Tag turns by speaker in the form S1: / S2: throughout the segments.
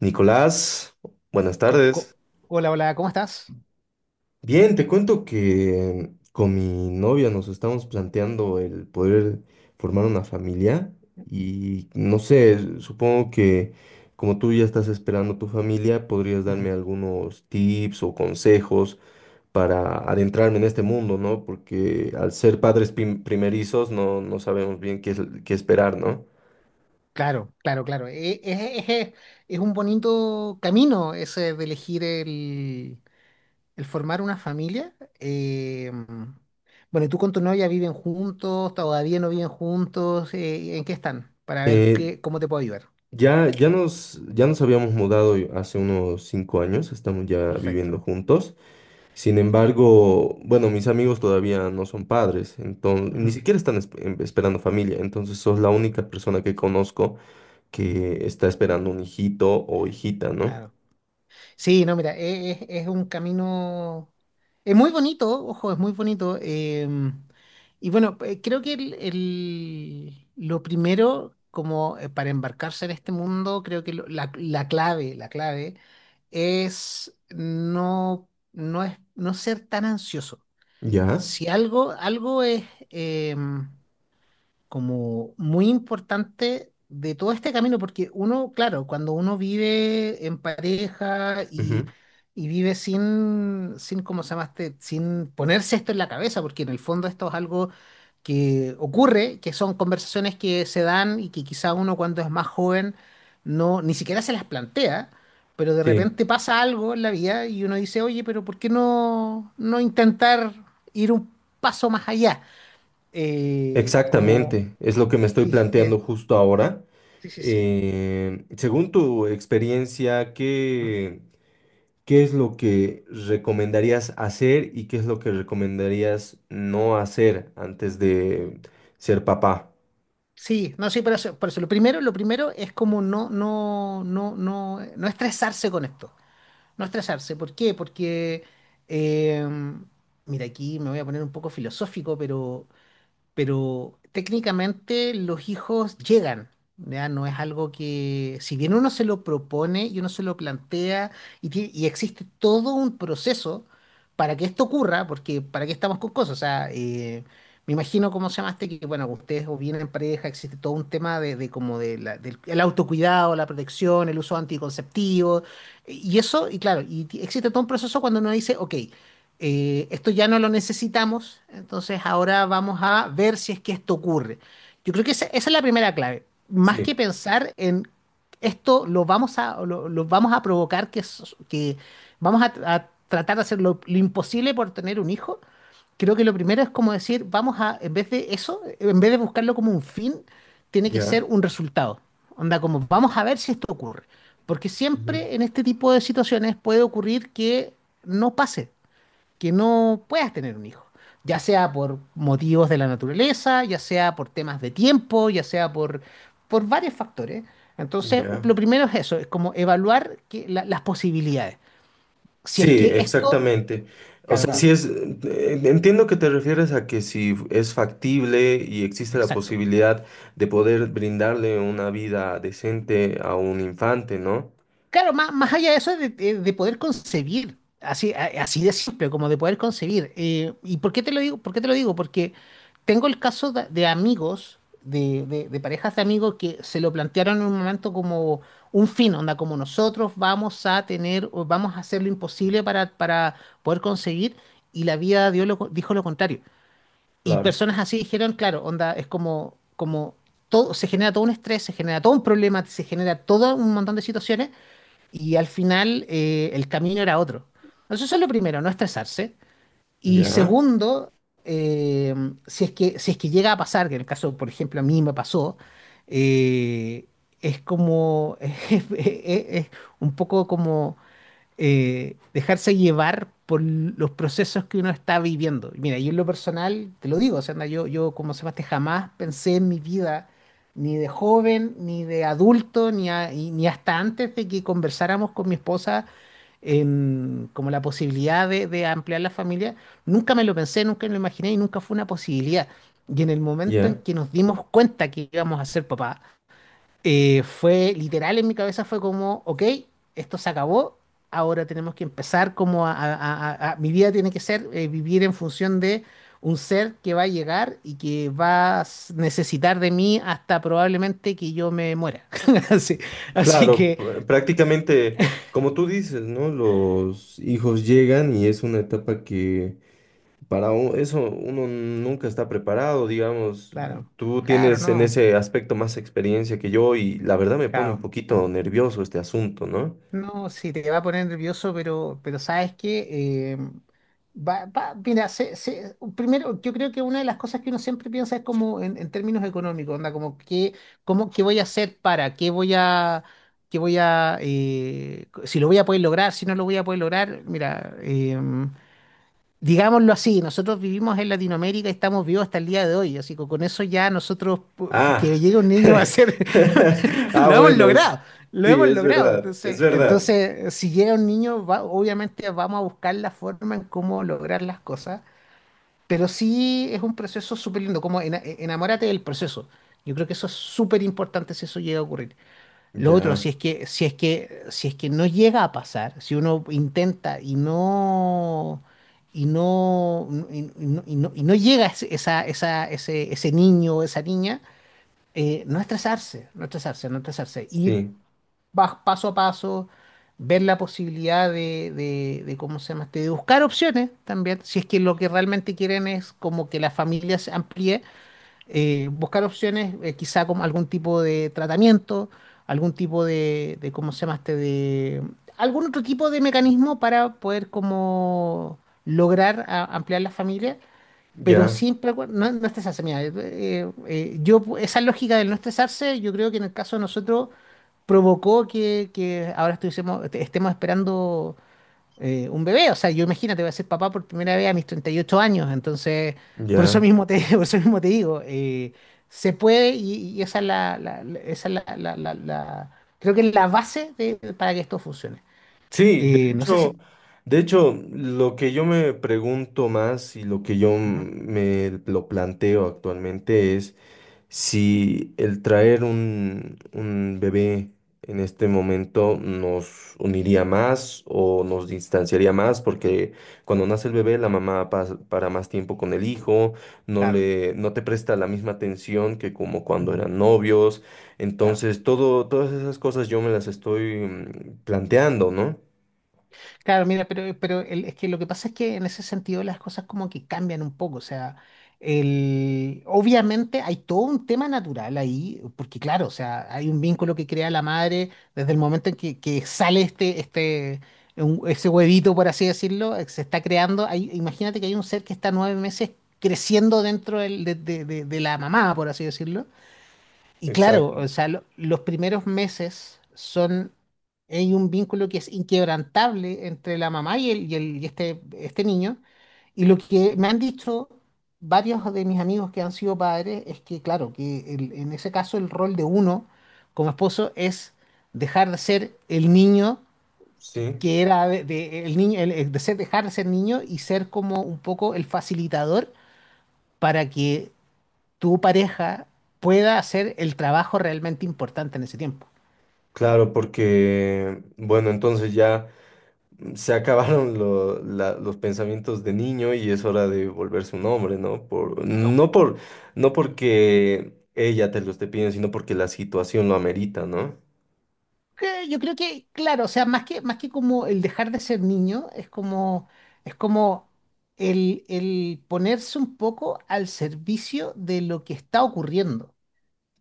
S1: Nicolás, buenas
S2: Co-
S1: tardes.
S2: co- Hola, hola, ¿cómo estás?
S1: Bien, te cuento que con mi novia nos estamos planteando el poder formar una familia y no sé, supongo que como tú ya estás esperando tu familia, podrías darme
S2: Ujú.
S1: algunos tips o consejos para adentrarme en este mundo, ¿no? Porque al ser padres primerizos no, no sabemos bien qué esperar, ¿no?
S2: Claro, claro, claro. Es, es- es un bonito camino, ese de elegir el formar una familia. Eh, bueno, ¿y tú con tu novia viven juntos? ¿Todavía no viven juntos? ¿En qué están? Para ver
S1: Eh,
S2: qué, cómo te puedo ayudar.
S1: Ya, ya nos habíamos mudado hace unos 5 años, estamos ya viviendo
S2: Perfecto.
S1: juntos. Sin embargo, bueno, mis amigos todavía no son padres, entonces ni
S2: Ujú.
S1: siquiera están esperando familia. Entonces sos la única persona que conozco que está esperando un hijito o hijita, ¿no?
S2: Claro. Sí, no, mira, es un camino, es muy bonito, ojo, es muy bonito. Y bueno, creo que lo primero, como para embarcarse en este mundo, creo que la, la clave es no, no, es no ser tan ansioso.
S1: ¿Ya?
S2: Si algo, algo es, em, como muy importante de todo este camino, porque uno, claro, cuando uno vive en pareja
S1: Ujú.
S2: y vive sin, ¿cómo se llama este? Sin ponerse esto en la cabeza, porque en el fondo esto es algo que ocurre, que son conversaciones que se dan y que quizá uno cuando es más joven no, ni siquiera se las plantea. Pero de
S1: Sí,
S2: repente pasa algo en la vida y uno dice, oye, pero ¿por qué no, no intentar ir un paso más allá? Como
S1: exactamente. Es lo que me estoy
S2: Sí, sí, sí,
S1: planteando justo ahora.
S2: sí, sí, sí.
S1: Según tu experiencia,
S2: Ujú.
S1: ¿qué? ¿Qué es lo que recomendarías hacer y qué es lo que recomendarías no hacer antes de ser papá?
S2: Sí, no, sí, por eso, por eso. Lo primero es como no, no, no, no, no estresarse con esto. No estresarse. ¿Por qué? Porque, eh, mira, aquí me voy a poner un poco filosófico, pero técnicamente los hijos llegan, ¿ya? No es algo que, si bien uno se lo propone y uno se lo plantea y, y existe todo un proceso para que esto ocurra, porque para qué estamos con cosas, o sea, me imagino cómo se llamaste, que bueno, ustedes o vienen en pareja, existe todo un tema de como de del el autocuidado, la protección, el uso anticonceptivo, y eso, y claro, existe todo un proceso cuando uno dice, ok, esto ya no lo necesitamos, entonces ahora vamos a ver si es que esto ocurre. Yo creo que esa es la primera clave. Más que
S1: Sí,
S2: pensar en esto, lo vamos a, lo vamos a provocar, que vamos a tratar de hacer lo imposible por tener un hijo. Creo que lo primero es como decir, vamos a, en vez de eso, en vez de buscarlo como un fin, tiene que ser
S1: ya,
S2: un resultado. Onda, como vamos a ver si esto ocurre. Porque
S1: ujú,
S2: siempre en este tipo de situaciones puede ocurrir que no pase, que no puedas tener un hijo, ya sea por motivos de la naturaleza, ya sea por temas de tiempo, ya sea por varios factores. Entonces,
S1: ya.
S2: lo primero es eso, es como evaluar las posibilidades. Si
S1: Sí,
S2: es que esto...
S1: exactamente. O
S2: Claro,
S1: sea, si
S2: claro,
S1: es, entiendo que te refieres a que si es factible y existe la
S2: exacto.
S1: posibilidad de poder brindarle una vida decente a un infante, ¿no?
S2: Claro, más, más allá de eso, de, de poder concebir, así, así de simple, como de poder concebir. ¿Y por qué te lo digo? ¿Por qué te lo digo? Porque tengo el caso de amigos, de, de parejas de amigos que se lo plantearon en un momento como un fin, onda, como nosotros vamos a tener, o vamos a hacer lo imposible para poder conseguir, y la vida dijo lo contrario. Y
S1: Claro.
S2: personas así dijeron, claro, onda, es como, como todo, se genera todo un estrés, se genera todo un problema, se genera todo un montón de situaciones y al final el camino era otro. Entonces, eso es lo primero, no estresarse. Y
S1: Ya,
S2: segundo, eh, si es que, si es que llega a pasar, que en el caso, por ejemplo, a mí me pasó, eh, es como, es, es un poco como dejarse llevar por los procesos que uno está viviendo. Y mira, yo en lo personal, te lo digo, o sea, anda, yo como Sebastián jamás pensé en mi vida, ni de joven, ni de adulto, ni, a- y- ni hasta antes de que conversáramos con mi esposa en como la posibilidad de ampliar la familia, nunca me lo pensé, nunca me lo imaginé y nunca fue una posibilidad. Y en el momento en
S1: ya.
S2: que nos dimos cuenta que íbamos a ser papás, fue literal, en mi cabeza fue como, ok, esto se acabó, ahora tenemos que empezar como a, mi vida tiene que ser vivir en función de un ser que va a llegar y que necesitar de mí hasta probablemente que yo me muera. Así, así
S1: Claro,
S2: que,
S1: prácticamente, como tú dices, ¿no? Los hijos llegan y es una etapa que eso uno nunca está preparado, digamos.
S2: claro,
S1: Tú
S2: claro,
S1: tienes en
S2: no,
S1: ese aspecto más experiencia que yo y la verdad me pone un
S2: claro.
S1: poquito nervioso este asunto, ¿no?
S2: No, sí, te va a poner nervioso, pero sabes que va, mira, primero yo creo que una de las cosas que uno siempre piensa es como en términos económicos, onda, como qué, cómo, qué voy a hacer para, qué voy a, si lo voy a poder lograr, si no lo voy a poder lograr, mira, digámoslo así, nosotros vivimos en Latinoamérica y estamos vivos hasta el día de hoy, así que con eso ya nosotros, que
S1: Ah,
S2: llegue un niño va a ser,
S1: ah,
S2: lo hemos
S1: bueno,
S2: logrado, lo
S1: sí,
S2: hemos
S1: es
S2: logrado.
S1: verdad, es
S2: Entonces,
S1: verdad.
S2: entonces si llega un niño, obviamente vamos a buscar la forma en cómo lograr las cosas, pero sí es un proceso súper lindo, como enamórate del proceso. Yo creo que eso es súper importante si eso llega a ocurrir. Lo otro,
S1: Ya,
S2: si es que, si es que, si es que no llega a pasar, si uno intenta y no, y no, y no, y no llega esa, esa, ese niño o esa niña, no estresarse, no estresarse, no estresarse, ir
S1: sí,
S2: paso a paso, ver la posibilidad de ¿cómo se llama este? De buscar opciones también, si es que lo que realmente quieren es como que la familia se amplíe, buscar opciones, quizá como algún tipo de tratamiento, algún tipo de, ¿cómo se llama este? De, algún otro tipo de mecanismo para poder como lograr ampliar la familia, pero
S1: ya,
S2: siempre, no, no estresarse, mira, yo, esa lógica del no estresarse, yo creo que en el caso de nosotros provocó que ahora estuviésemos, estemos esperando un bebé. O sea, yo imagínate, voy a ser papá por primera vez a mis 38 años. Entonces, por eso
S1: ya.
S2: mismo te, por eso mismo te digo, se puede y esa es la, esa es la, creo que es la base para que esto funcione.
S1: Sí,
S2: No sé si...
S1: de hecho, lo que yo me pregunto más y lo que yo
S2: Ujú,
S1: me lo planteo actualmente es si el traer un bebé en este momento nos uniría más o nos distanciaría más, porque cuando nace el bebé la mamá para más tiempo con el hijo,
S2: claro,
S1: no te presta la misma atención que como cuando
S2: ujú,
S1: eran novios.
S2: claro.
S1: Entonces, todas esas cosas yo me las estoy planteando, ¿no?
S2: Claro, mira, pero es que lo que pasa es que en ese sentido las cosas como que cambian un poco, o sea, el, obviamente hay todo un tema natural ahí, porque claro, o sea, hay un vínculo que crea la madre desde el momento en que sale este, este, ese huevito, por así decirlo, se está creando, imagínate que hay un ser que está 9 meses creciendo dentro de, de la mamá, por así decirlo. Y claro,
S1: Exacto,
S2: o sea, los primeros meses son, hay un vínculo que es inquebrantable entre la mamá y, el, y, y este niño. Y lo que me han dicho varios de mis amigos que han sido padres es que, claro, que en ese caso el rol de uno como esposo es dejar de ser el niño
S1: sí,
S2: que era de, el niño, de ser, dejar de ser niño y ser como un poco el facilitador para que tu pareja pueda hacer el trabajo realmente importante en ese tiempo.
S1: claro, porque, bueno, entonces ya se acabaron los pensamientos de niño y es hora de volverse un hombre, ¿no? No porque ella te lo esté pidiendo, sino porque la situación lo amerita, ¿no?
S2: Que yo creo que, claro, o sea, más que como el dejar de ser niño, es como el ponerse un poco al servicio de lo que está ocurriendo.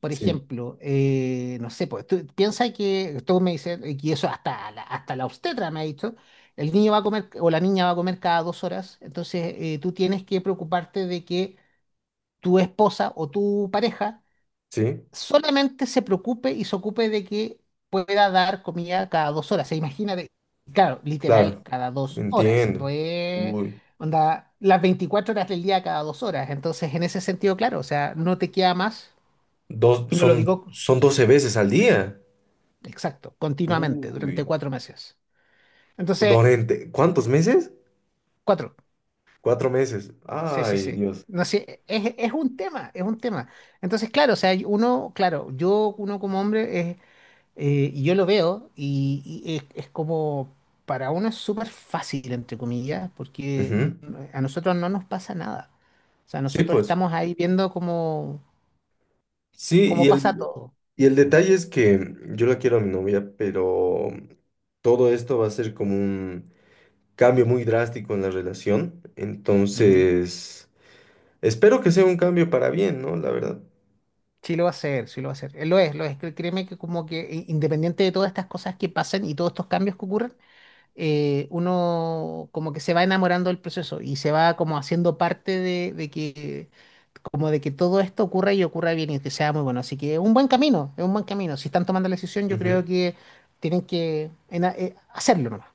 S2: Por
S1: Sí,
S2: ejemplo, no sé, pues tú piensa que, tú me dices, y eso hasta la obstetra me ha dicho, el niño va a comer o la niña va a comer cada 2 horas, entonces tú tienes que preocuparte de que tu esposa o tu pareja
S1: sí,
S2: solamente se preocupe y se ocupe de que pueda dar comida cada 2 horas. Se imagina de, claro, literal,
S1: claro,
S2: cada 2 horas. No
S1: entiendo.
S2: es,
S1: Uy,
S2: onda, las 24 horas del día cada 2 horas. Entonces, en ese sentido, claro, o sea, no te queda más,
S1: dos,
S2: y no lo digo,
S1: son 12 veces al día.
S2: exacto, continuamente,
S1: Uy,
S2: durante 4 meses. Entonces,
S1: durante, ¿cuántos meses?
S2: cuatro.
S1: 4 meses.
S2: Sí, sí,
S1: Ay,
S2: sí.
S1: Dios.
S2: No sé, es un tema, es un tema. Entonces, claro, o sea, uno, claro, yo, uno como hombre, es y yo lo veo y es como, para uno es súper fácil, entre comillas, porque
S1: Ujú.
S2: a nosotros no nos pasa nada. O sea,
S1: Sí,
S2: nosotros
S1: pues.
S2: estamos ahí viendo cómo,
S1: Sí,
S2: cómo pasa todo.
S1: y el detalle es que yo la quiero a mi novia, pero todo esto va a ser como un cambio muy drástico en la relación.
S2: Ujú.
S1: Entonces, espero que sea un cambio para bien, ¿no? La verdad.
S2: Sí lo va a hacer, sí lo va a hacer. Lo es, lo es. Créeme que como que independiente de todas estas cosas que pasen y todos estos cambios que ocurren, uno como que se va enamorando del proceso y se va como haciendo parte de que como de que todo esto ocurra y ocurra bien y que sea muy bueno. Así que es un buen camino, es un buen camino. Si están tomando la decisión, yo creo
S1: Ujú.
S2: que tienen que hacerlo nomás.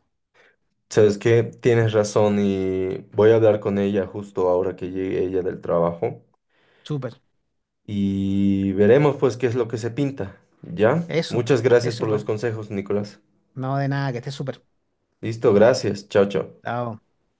S1: Sabes que tienes razón y voy a hablar con ella justo ahora que llegue ella del trabajo
S2: Súper.
S1: y veremos pues qué es lo que se pinta, ¿ya?
S2: Eso,
S1: Muchas gracias
S2: eso
S1: por los
S2: pues.
S1: consejos, Nicolás.
S2: No, de nada, que esté súper.
S1: Listo, gracias. Chao, chao.
S2: Chao.